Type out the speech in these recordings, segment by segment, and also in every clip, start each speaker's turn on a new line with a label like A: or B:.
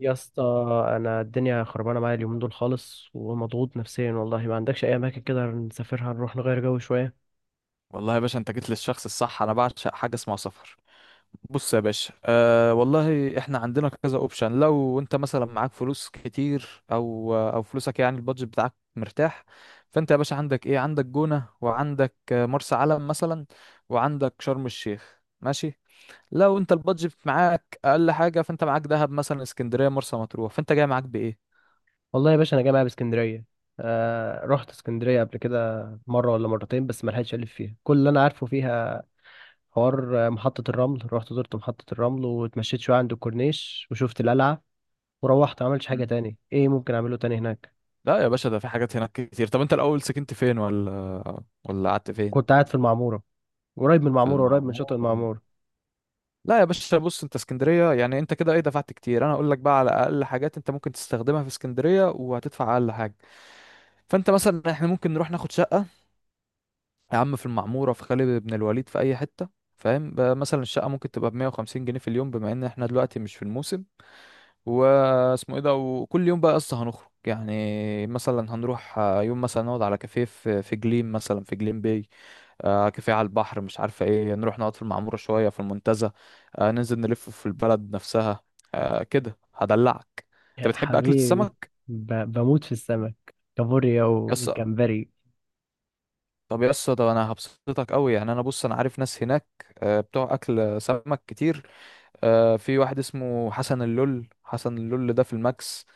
A: يا اسطى. انا الدنيا خربانه معايا اليومين دول خالص، ومضغوط نفسيا والله. ما عندكش اي اماكن كده نسافرها نروح نغير جو شويه؟
B: والله يا باشا، انت جيت للشخص الصح. انا بعشق حاجه اسمها سفر. بص يا باشا، والله احنا عندنا كذا اوبشن. لو انت مثلا معاك فلوس كتير او فلوسك، يعني البادجت بتاعك مرتاح، فانت يا باشا عندك ايه؟ عندك جونه، وعندك مرسى علم مثلا، وعندك شرم الشيخ. ماشي. لو انت البادجت معاك اقل حاجه، فانت معاك دهب مثلا، اسكندريه، مرسى مطروح. فانت جاي معاك بايه؟
A: والله يا باشا انا جاي معايا باسكندريه. رحت اسكندريه قبل كده مره ولا مرتين، بس ما لحقتش الف فيها كل اللي انا عارفه فيها. حوار محطه الرمل، رحت زرت محطه الرمل واتمشيت شويه عند الكورنيش وشفت القلعه، وروحت ما عملتش حاجه
B: مم.
A: تاني. ايه ممكن اعمله تاني هناك؟
B: لا يا باشا، ده في حاجات هناك كتير. طب انت الاول سكنت فين ولا قعدت
A: كنت
B: فين؟
A: قاعد في المعموره، قريب من
B: في
A: المعموره، قريب من شاطئ
B: المعمور.
A: المعموره.
B: لا يا باشا، بص انت اسكندريه، يعني انت كده ايه دفعت كتير. انا اقول لك بقى على اقل حاجات انت ممكن تستخدمها في اسكندريه وهتدفع اقل حاجه. فانت مثلا، احنا ممكن نروح ناخد شقه يا عم في المعموره، في خالد بن الوليد، في اي حته. فاهم بقى؟ مثلا الشقه ممكن تبقى ب 150 جنيه في اليوم بما ان احنا دلوقتي مش في الموسم. واسمه ايه ده، وكل يوم بقى قصه، هنخرج يعني مثلا، هنروح يوم مثلا نقعد على كافيه في جليم، مثلا في جليم باي، كافيه على البحر. مش عارفة ايه، نروح نقعد في المعمورة شوية، في المنتزه، ننزل نلف في البلد نفسها، كده هدلعك. انت
A: يا
B: بتحب أكلة
A: حبيبي،
B: السمك؟
A: بموت في السمك، كابوريا
B: يس.
A: وجمبري.
B: طب يس. طب انا هبسطك قوي، يعني انا بص انا عارف ناس هناك، بتوع اكل سمك كتير. في واحد اسمه حسن اللول، حسن اللول ده في الماكس.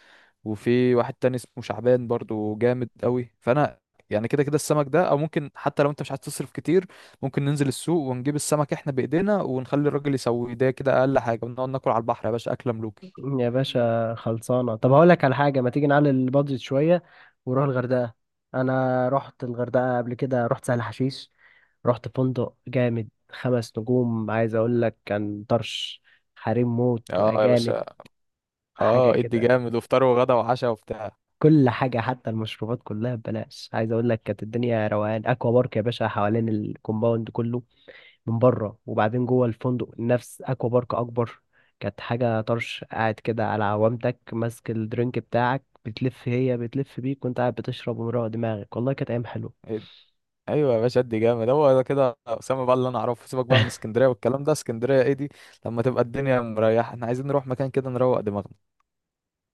B: وفي واحد تاني اسمه شعبان، برضو جامد قوي. فانا يعني كده كده السمك ده، او ممكن حتى لو انت مش عايز تصرف كتير، ممكن ننزل السوق ونجيب السمك احنا بايدينا ونخلي الراجل يسوي ده، كده اقل حاجه، ونقعد ناكل على البحر يا باشا اكله ملوكي.
A: يا باشا خلصانة. طب هقول لك على حاجة، ما تيجي نعلي البادجت شوية ونروح الغردقة؟ أنا رحت الغردقة قبل كده، رحت سهل حشيش، رحت فندق جامد 5 نجوم، عايز أقول لك كان طرش. حريم موت
B: اه يا
A: وأجانب،
B: باشا.
A: حاجة
B: اه ادي
A: كده.
B: جامد، وفطار وغدا وعشاء وبتاع.
A: كل حاجة حتى المشروبات كلها ببلاش، عايز أقول لك كانت الدنيا روقان. أكوا بارك يا باشا حوالين الكومباوند كله من بره، وبعدين جوه الفندق نفس اكوا بارك اكبر. كانت حاجه طرش، قاعد كده على عوامتك ماسك الدرينك بتاعك، بتلف هي بتلف بيك وانت قاعد بتشرب ومروق دماغك. والله كانت ايام حلوه.
B: إد- ايوه يا باشا، ادي جامد. هو ده كده اسامه بقى اللي انا اعرفه. سيبك بقى من اسكندريه والكلام ده، اسكندريه ايه دي؟ لما تبقى الدنيا مريحه احنا عايزين نروح مكان كده نروق دماغنا.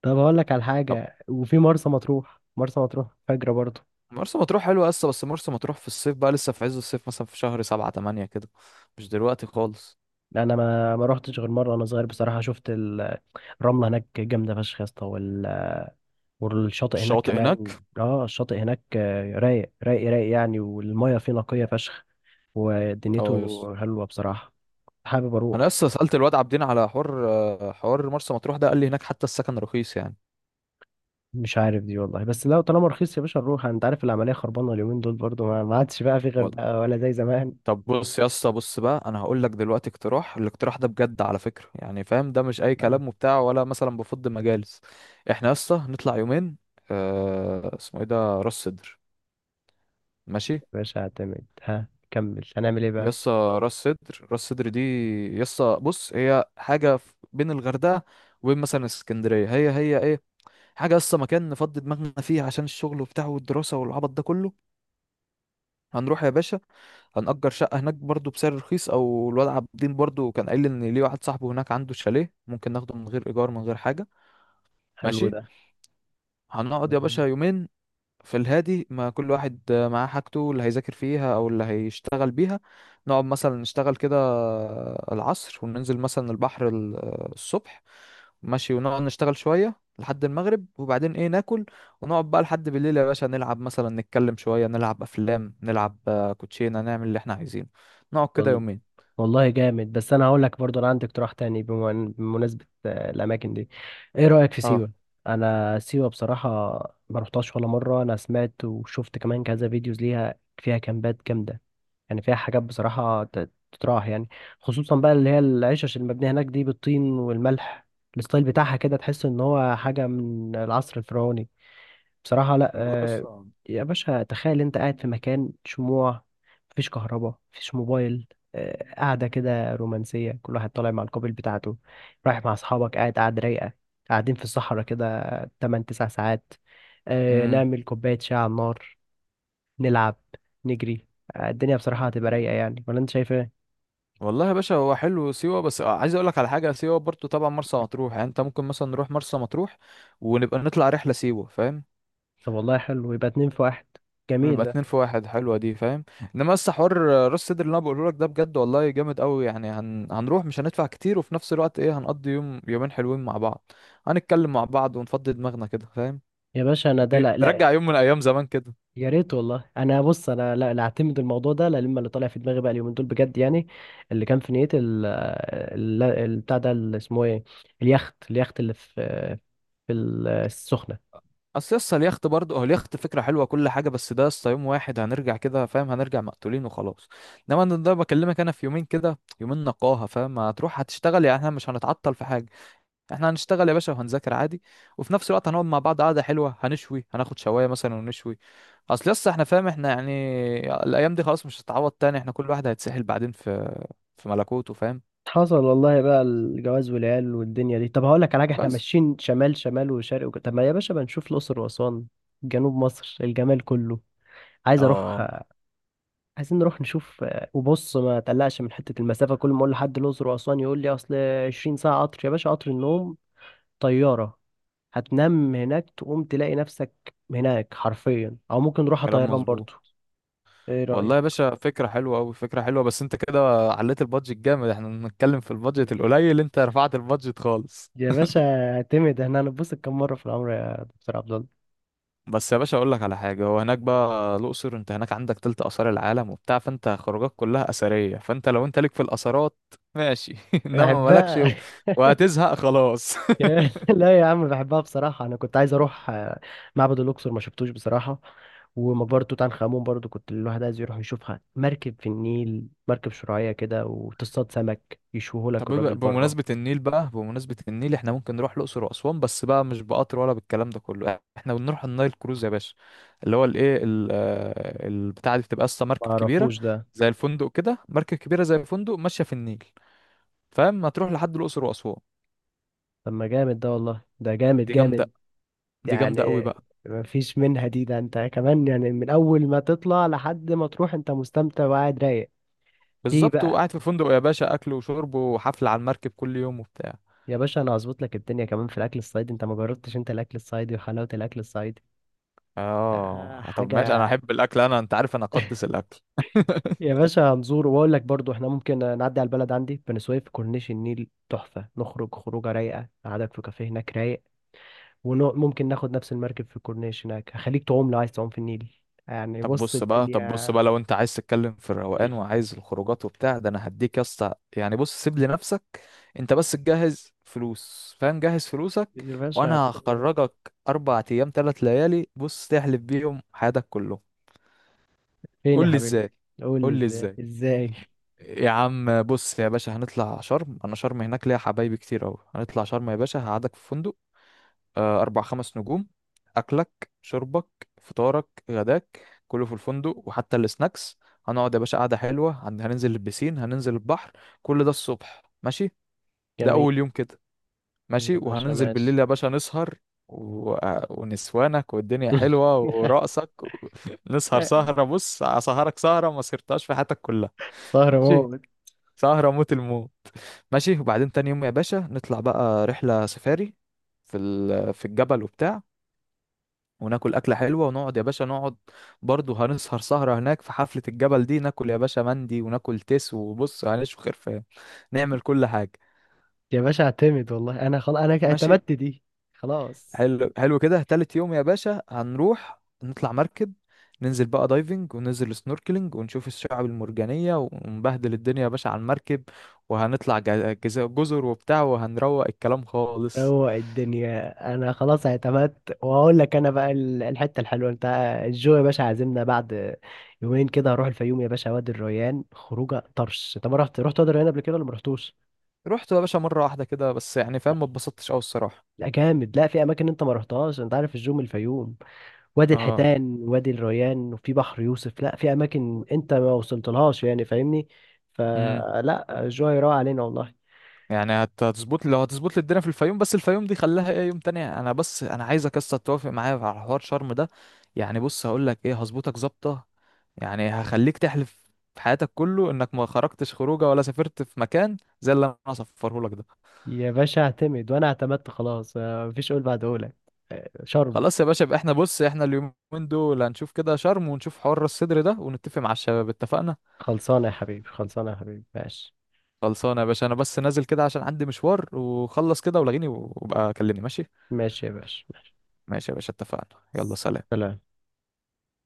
A: طب هقول لك على حاجه. وفي مرسى مطروح، مرسى مطروح فجره برضه.
B: مرسى مطروح حلوة لسه، بس مرسى مطروح في الصيف بقى، لسه في عز الصيف، مثلا في شهر 7 8 كده، مش دلوقتي خالص.
A: انا ما رحتش غير مره وانا صغير بصراحه. شفت الرمله هناك جامده فشخ يا اسطى، والشاطئ هناك
B: الشواطئ
A: كمان.
B: هناك.
A: اه الشاطئ هناك رايق رايق رايق يعني، والميه فيه نقيه فشخ،
B: اه،
A: ودنيته
B: يس.
A: حلوة بصراحة. حابب
B: انا
A: أروح.
B: لسه سألت الواد عابدين على حوار مرسى مطروح ده، قال لي هناك حتى السكن رخيص يعني.
A: مش عارف دي والله، بس لو طالما رخيص يا باشا نروح. أنت عارف العملية خربانة اليومين دول برضو، ما عادش بقى في
B: ولا.
A: غردقة ولا زي زمان.
B: طب بص يا اسطى، بص بقى، انا هقول لك دلوقتي اقتراح. الاقتراح ده بجد على فكرة، يعني فاهم، ده مش اي
A: لا. يا
B: كلام وبتاع، ولا مثلا بفض مجالس. احنا يا اسطى نطلع يومين. اسمه ايه ده؟ راس سدر. ماشي.
A: باشا اعتمد. ها كمل، هنعمل إيه بقى؟
B: يسا. راس سدر دي. يسا، بص، هي حاجة بين الغردقة وبين مثلا اسكندرية. هي ايه؟ حاجة يسا، مكان نفضي دماغنا فيه عشان الشغل وبتاع والدراسة والعبط ده كله. هنروح يا باشا، هنأجر شقة هناك برضو بسعر رخيص، او الواد عبد الدين برضو كان قايل لي ان ليه واحد صاحبه هناك عنده شاليه ممكن ناخده من غير ايجار، من غير حاجة.
A: حلو
B: ماشي.
A: ده.
B: هنقعد يا باشا يومين في الهادي، ما كل واحد معاه حاجته اللي هيذاكر فيها او اللي هيشتغل بيها. نقعد مثلا نشتغل كده العصر، وننزل مثلا البحر الصبح. ماشي. ونقعد نشتغل شوية لحد المغرب، وبعدين ايه، ناكل. ونقعد بقى لحد بالليل يا باشا نلعب، مثلا نتكلم شوية، نلعب افلام، نلعب كوتشينة، نعمل اللي احنا عايزينه. نقعد كده
A: وال-
B: يومين.
A: والله جامد. بس أنا هقول لك برضو، أنا عندي اقتراح تاني بمناسبة الأماكن دي. إيه رأيك في
B: اه،
A: سيوة؟ أنا سيوة بصراحة ما رحتهاش ولا مرة. أنا سمعت وشفت كمان كذا فيديوز ليها، فيها كامبات جامدة، يعني فيها حاجات بصراحة تتراح يعني. خصوصا بقى اللي هي العشش المبنية هناك دي بالطين والملح، الستايل بتاعها كده تحس ان هو حاجة من العصر الفرعوني بصراحة. لا.
B: والله. بس.
A: يا باشا تخيل انت قاعد في مكان شموع، مفيش كهرباء مفيش موبايل، قاعدة كده رومانسية، كل واحد طالع مع الكوبل بتاعته، رايح مع أصحابك، قاعد قاعد رايقة، قاعدين في الصحراء كده 8 9 ساعات،
B: مم.
A: نعمل كوباية شاي على النار، نلعب، نجري. الدنيا بصراحة هتبقى رايقة يعني، ولا انت شايف ايه؟
B: والله يا باشا، هو حلو سيوة، بس عايز اقول لك على حاجة. سيوة برضو طبعا، مرسى مطروح يعني، انت ممكن مثلا نروح مرسى مطروح ونبقى نطلع رحلة سيوة، فاهم؟
A: طب والله حلو، يبقى اتنين في واحد. جميل
B: ونبقى
A: ده.
B: اتنين في واحد. حلوة دي فاهم. انما بس حوار راس سدر اللي انا بقوله لك ده بجد والله جامد قوي، يعني هنروح مش هندفع كتير، وفي نفس الوقت ايه، هنقضي يوم يومين حلوين مع بعض، هنتكلم مع بعض ونفضي دماغنا كده، فاهم؟
A: يا باشا انا ده، لا لا.
B: نرجع يوم من ايام زمان كده.
A: يا ريت والله. انا بص انا، لا لا اعتمد الموضوع ده، لا لما اللي طالع في دماغي بقى اليومين دول بجد يعني. اللي كان في نيتي بتاع ده اللي اسمه ايه، اليخت اللي في السخنة.
B: اصل يسطا اليخت برضه، هو اليخت فكره حلوه كل حاجه، بس ده يسطا يوم واحد، هنرجع كده فاهم، هنرجع مقتولين وخلاص. انما انا ده بكلمك انا في يومين كده، يومين نقاهه فاهم. هتروح هتشتغل، يعني احنا مش هنتعطل في حاجه، احنا هنشتغل يا باشا وهنذاكر عادي، وفي نفس الوقت هنقعد مع بعض قعده حلوه، هنشوي، هناخد شوايه مثلا ونشوي. اصل يسطا احنا فاهم، احنا يعني الايام دي خلاص مش هتتعوض تاني، احنا كل واحد هيتسحل بعدين في ملكوته فاهم.
A: حصل والله، بقى الجواز والعيال والدنيا دي. طب هقول لك على حاجه، احنا
B: بس.
A: ماشيين شمال شمال وشرق طب ما يا باشا بنشوف الاقصر واسوان، جنوب مصر الجمال كله. عايز اروح،
B: اه،
A: عايزين نروح نشوف. وبص ما تقلقش من حتة المسافة. كل ما أقول لحد الأقصر وأسوان يقول لي أصل 20 ساعة قطر. يا باشا قطر النوم، طيارة، هتنام هناك تقوم تلاقي نفسك هناك حرفيا. أو ممكن نروح
B: كلام
A: طيران
B: مظبوط.
A: برضو. إيه
B: والله يا
A: رأيك؟
B: باشا، فكرة حلوة أوي، فكرة حلوة، بس أنت كده عليت البادجت جامد. احنا بنتكلم في البادجت القليل، أنت رفعت البادجت خالص.
A: يا باشا اعتمد، احنا هنتبسط كم مرة في العمر يا دكتور عبد الله؟
B: بس يا باشا أقول لك على حاجة، هو هناك بقى الأقصر، أنت هناك عندك تلت آثار العالم وبتاع، فأنت خروجك كلها أثرية، فأنت لو أنت ليك في الآثارات، ماشي إنما مالكش
A: أحبها.
B: وهتزهق خلاص
A: يا- لا يا عم بحبها بصراحة. أنا كنت عايز أروح معبد الأقصر، ما شفتوش بصراحة. ومقبرة توت عنخ آمون برضو كنت الواحد عايز يروح يشوفها. مركب في النيل، مركب شراعية كده، وتصطاد سمك،
B: طب
A: يشوهولك الراجل بره.
B: بمناسبة النيل بقى، بمناسبة النيل احنا ممكن نروح الأقصر وأسوان، بس بقى مش بقطر ولا بالكلام ده كله، احنا بنروح النايل كروز يا باشا. اللي هو الايه، البتاعة دي بتبقى اصلا
A: ما
B: مركب كبيرة
A: أعرفوش ده.
B: زي الفندق كده، مركب كبيرة زي الفندق ماشية في النيل، فاهم، هتروح لحد الأقصر وأسوان.
A: طب ما جامد ده، والله ده جامد
B: دي جامدة.
A: جامد.
B: دي
A: يعني
B: جامدة قوي بقى.
A: ما فيش منها دي، ده أنت كمان يعني من أول ما تطلع لحد ما تروح أنت مستمتع وقاعد رايق. في
B: بالظبط.
A: بقى
B: وقاعد في فندق يا باشا، أكل وشرب وحفلة على المركب كل يوم وبتاع.
A: يا باشا، أنا هظبط لك الدنيا كمان في الأكل الصعيدي. أنت ما جربتش أنت الأكل الصعيدي وحلاوة الأكل الصعيدي.
B: اه، طب ماشي، انا
A: حاجة.
B: احب الاكل، انا انت عارف انا اقدس الاكل
A: يا باشا هنزور، وأقول لك برضو إحنا ممكن نعدي على البلد عندي بني سويف. كورنيش النيل تحفة، نخرج خروجة رايقة، قعدك في كافيه هناك رايق. وممكن ناخد نفس المركب في الكورنيش هناك، هخليك تعوم لو عايز تعوم في النيل. يعني
B: طب
A: بص
B: بص بقى،
A: الدنيا.
B: لو انت عايز تتكلم في الروقان وعايز الخروجات وبتاع ده، انا هديك يا اسطى يعني. بص، سيب لي نفسك، انت بس تجهز فلوس، فاهم، جهز فلوسك،
A: يا باشا
B: وانا
A: هتبقى-
B: هخرجك 4 ايام 3 ليالي. بص، تحلف بيهم حياتك كلهم.
A: فين يا
B: قول لي
A: حبيبي؟
B: ازاي.
A: قول
B: قول
A: لي
B: لي
A: إزاي
B: ازاي.
A: إزاي؟
B: يا عم بص يا باشا، هنطلع شرم. انا شرم هناك ليا حبايبي كتير اوي. هنطلع شرم يا باشا، هقعدك في فندق أربع خمس نجوم. أكلك، شربك، فطارك، غداك، كله في الفندق، وحتى السناكس. هنقعد يا باشا قعدة حلوة. هننزل البسين، هننزل البحر، كل ده الصبح ماشي. ده
A: جميل.
B: أول يوم كده. ماشي،
A: يا باشا
B: وهننزل بالليل
A: ماشي.
B: يا باشا نسهر و... ونسوانك والدنيا حلوة ورقصك و... نسهر سهرة. بص، أسهرك سهرة ما سهرتهاش في حياتك كلها.
A: سهرة
B: ماشي.
A: موت.
B: سهرة موت الموت. ماشي، وبعدين تاني يوم يا باشا نطلع بقى رحلة سفاري في الجبل وبتاع، وناكل أكلة حلوة، ونقعد يا باشا نقعد. برضه هنسهر سهرة هناك في حفلة الجبل دي. ناكل يا باشا مندي، وناكل تيس، وبص هنشوي خرفان، نعمل كل حاجة.
A: يا باشا اعتمد، والله أنا خلاص أنا
B: ماشي.
A: اعتمدت دي. خلاص.
B: حلو حلو كده. تالت يوم يا باشا هنروح نطلع مركب، ننزل بقى دايفنج، وننزل سنوركلينج، ونشوف الشعاب المرجانية، ونبهدل الدنيا يا باشا على المركب. وهنطلع جزر وبتاع، وهنروق الكلام خالص.
A: روق الدنيا. انا خلاص اعتمدت، وهقول لك انا بقى الحته الحلوه انت. الجو يا باشا عازمنا بعد 2 يوم كده. هروح الفيوم يا باشا، وادي الريان، خروجه طرش. انت ما رحت، رحت وادي الريان قبل كده ولا ما رحتوش؟
B: رحت يا باشا مرة واحدة كده بس، يعني فاهم، ما اتبسطتش أوي الصراحة.
A: لا جامد. لا، في اماكن انت ما رحتهاش. انت عارف الجو من الفيوم، وادي
B: اه.
A: الحيتان، وادي الريان، وفي بحر يوسف. لا، في اماكن انت ما وصلتلهاش يعني، فاهمني؟
B: امم
A: فلا الجو هيروق علينا والله.
B: يعني هتظبط. لو هتظبط لي الدنيا في الفيوم، بس الفيوم دي خليها ايه يوم تاني، انا بس انا عايزك لسه توافق معايا على حوار شرم ده. يعني بص هقول لك ايه، هظبطك ظابطه. يعني هخليك تحلف في حياتك كله انك ما خرجتش خروجه ولا سافرت في مكان زي اللي انا هصفره لك ده.
A: يا باشا اعتمد، وانا اعتمدت خلاص. مفيش قول بعد قولك. شرم.
B: خلاص يا باشا، يبقى احنا، بص، احنا اليومين دول هنشوف كده شرم، ونشوف حوار راس الصدر ده، ونتفق مع الشباب. اتفقنا.
A: خلصانة يا حبيبي، خلصانة يا حبيبي. ماشي.
B: خلصانه يا باشا، انا بس نازل كده عشان عندي مشوار وخلص كده ولاغيني، وابقى كلمني. ماشي.
A: ماشي يا باشا.
B: ماشي يا باشا، اتفقنا. يلا، سلام.
A: سلام.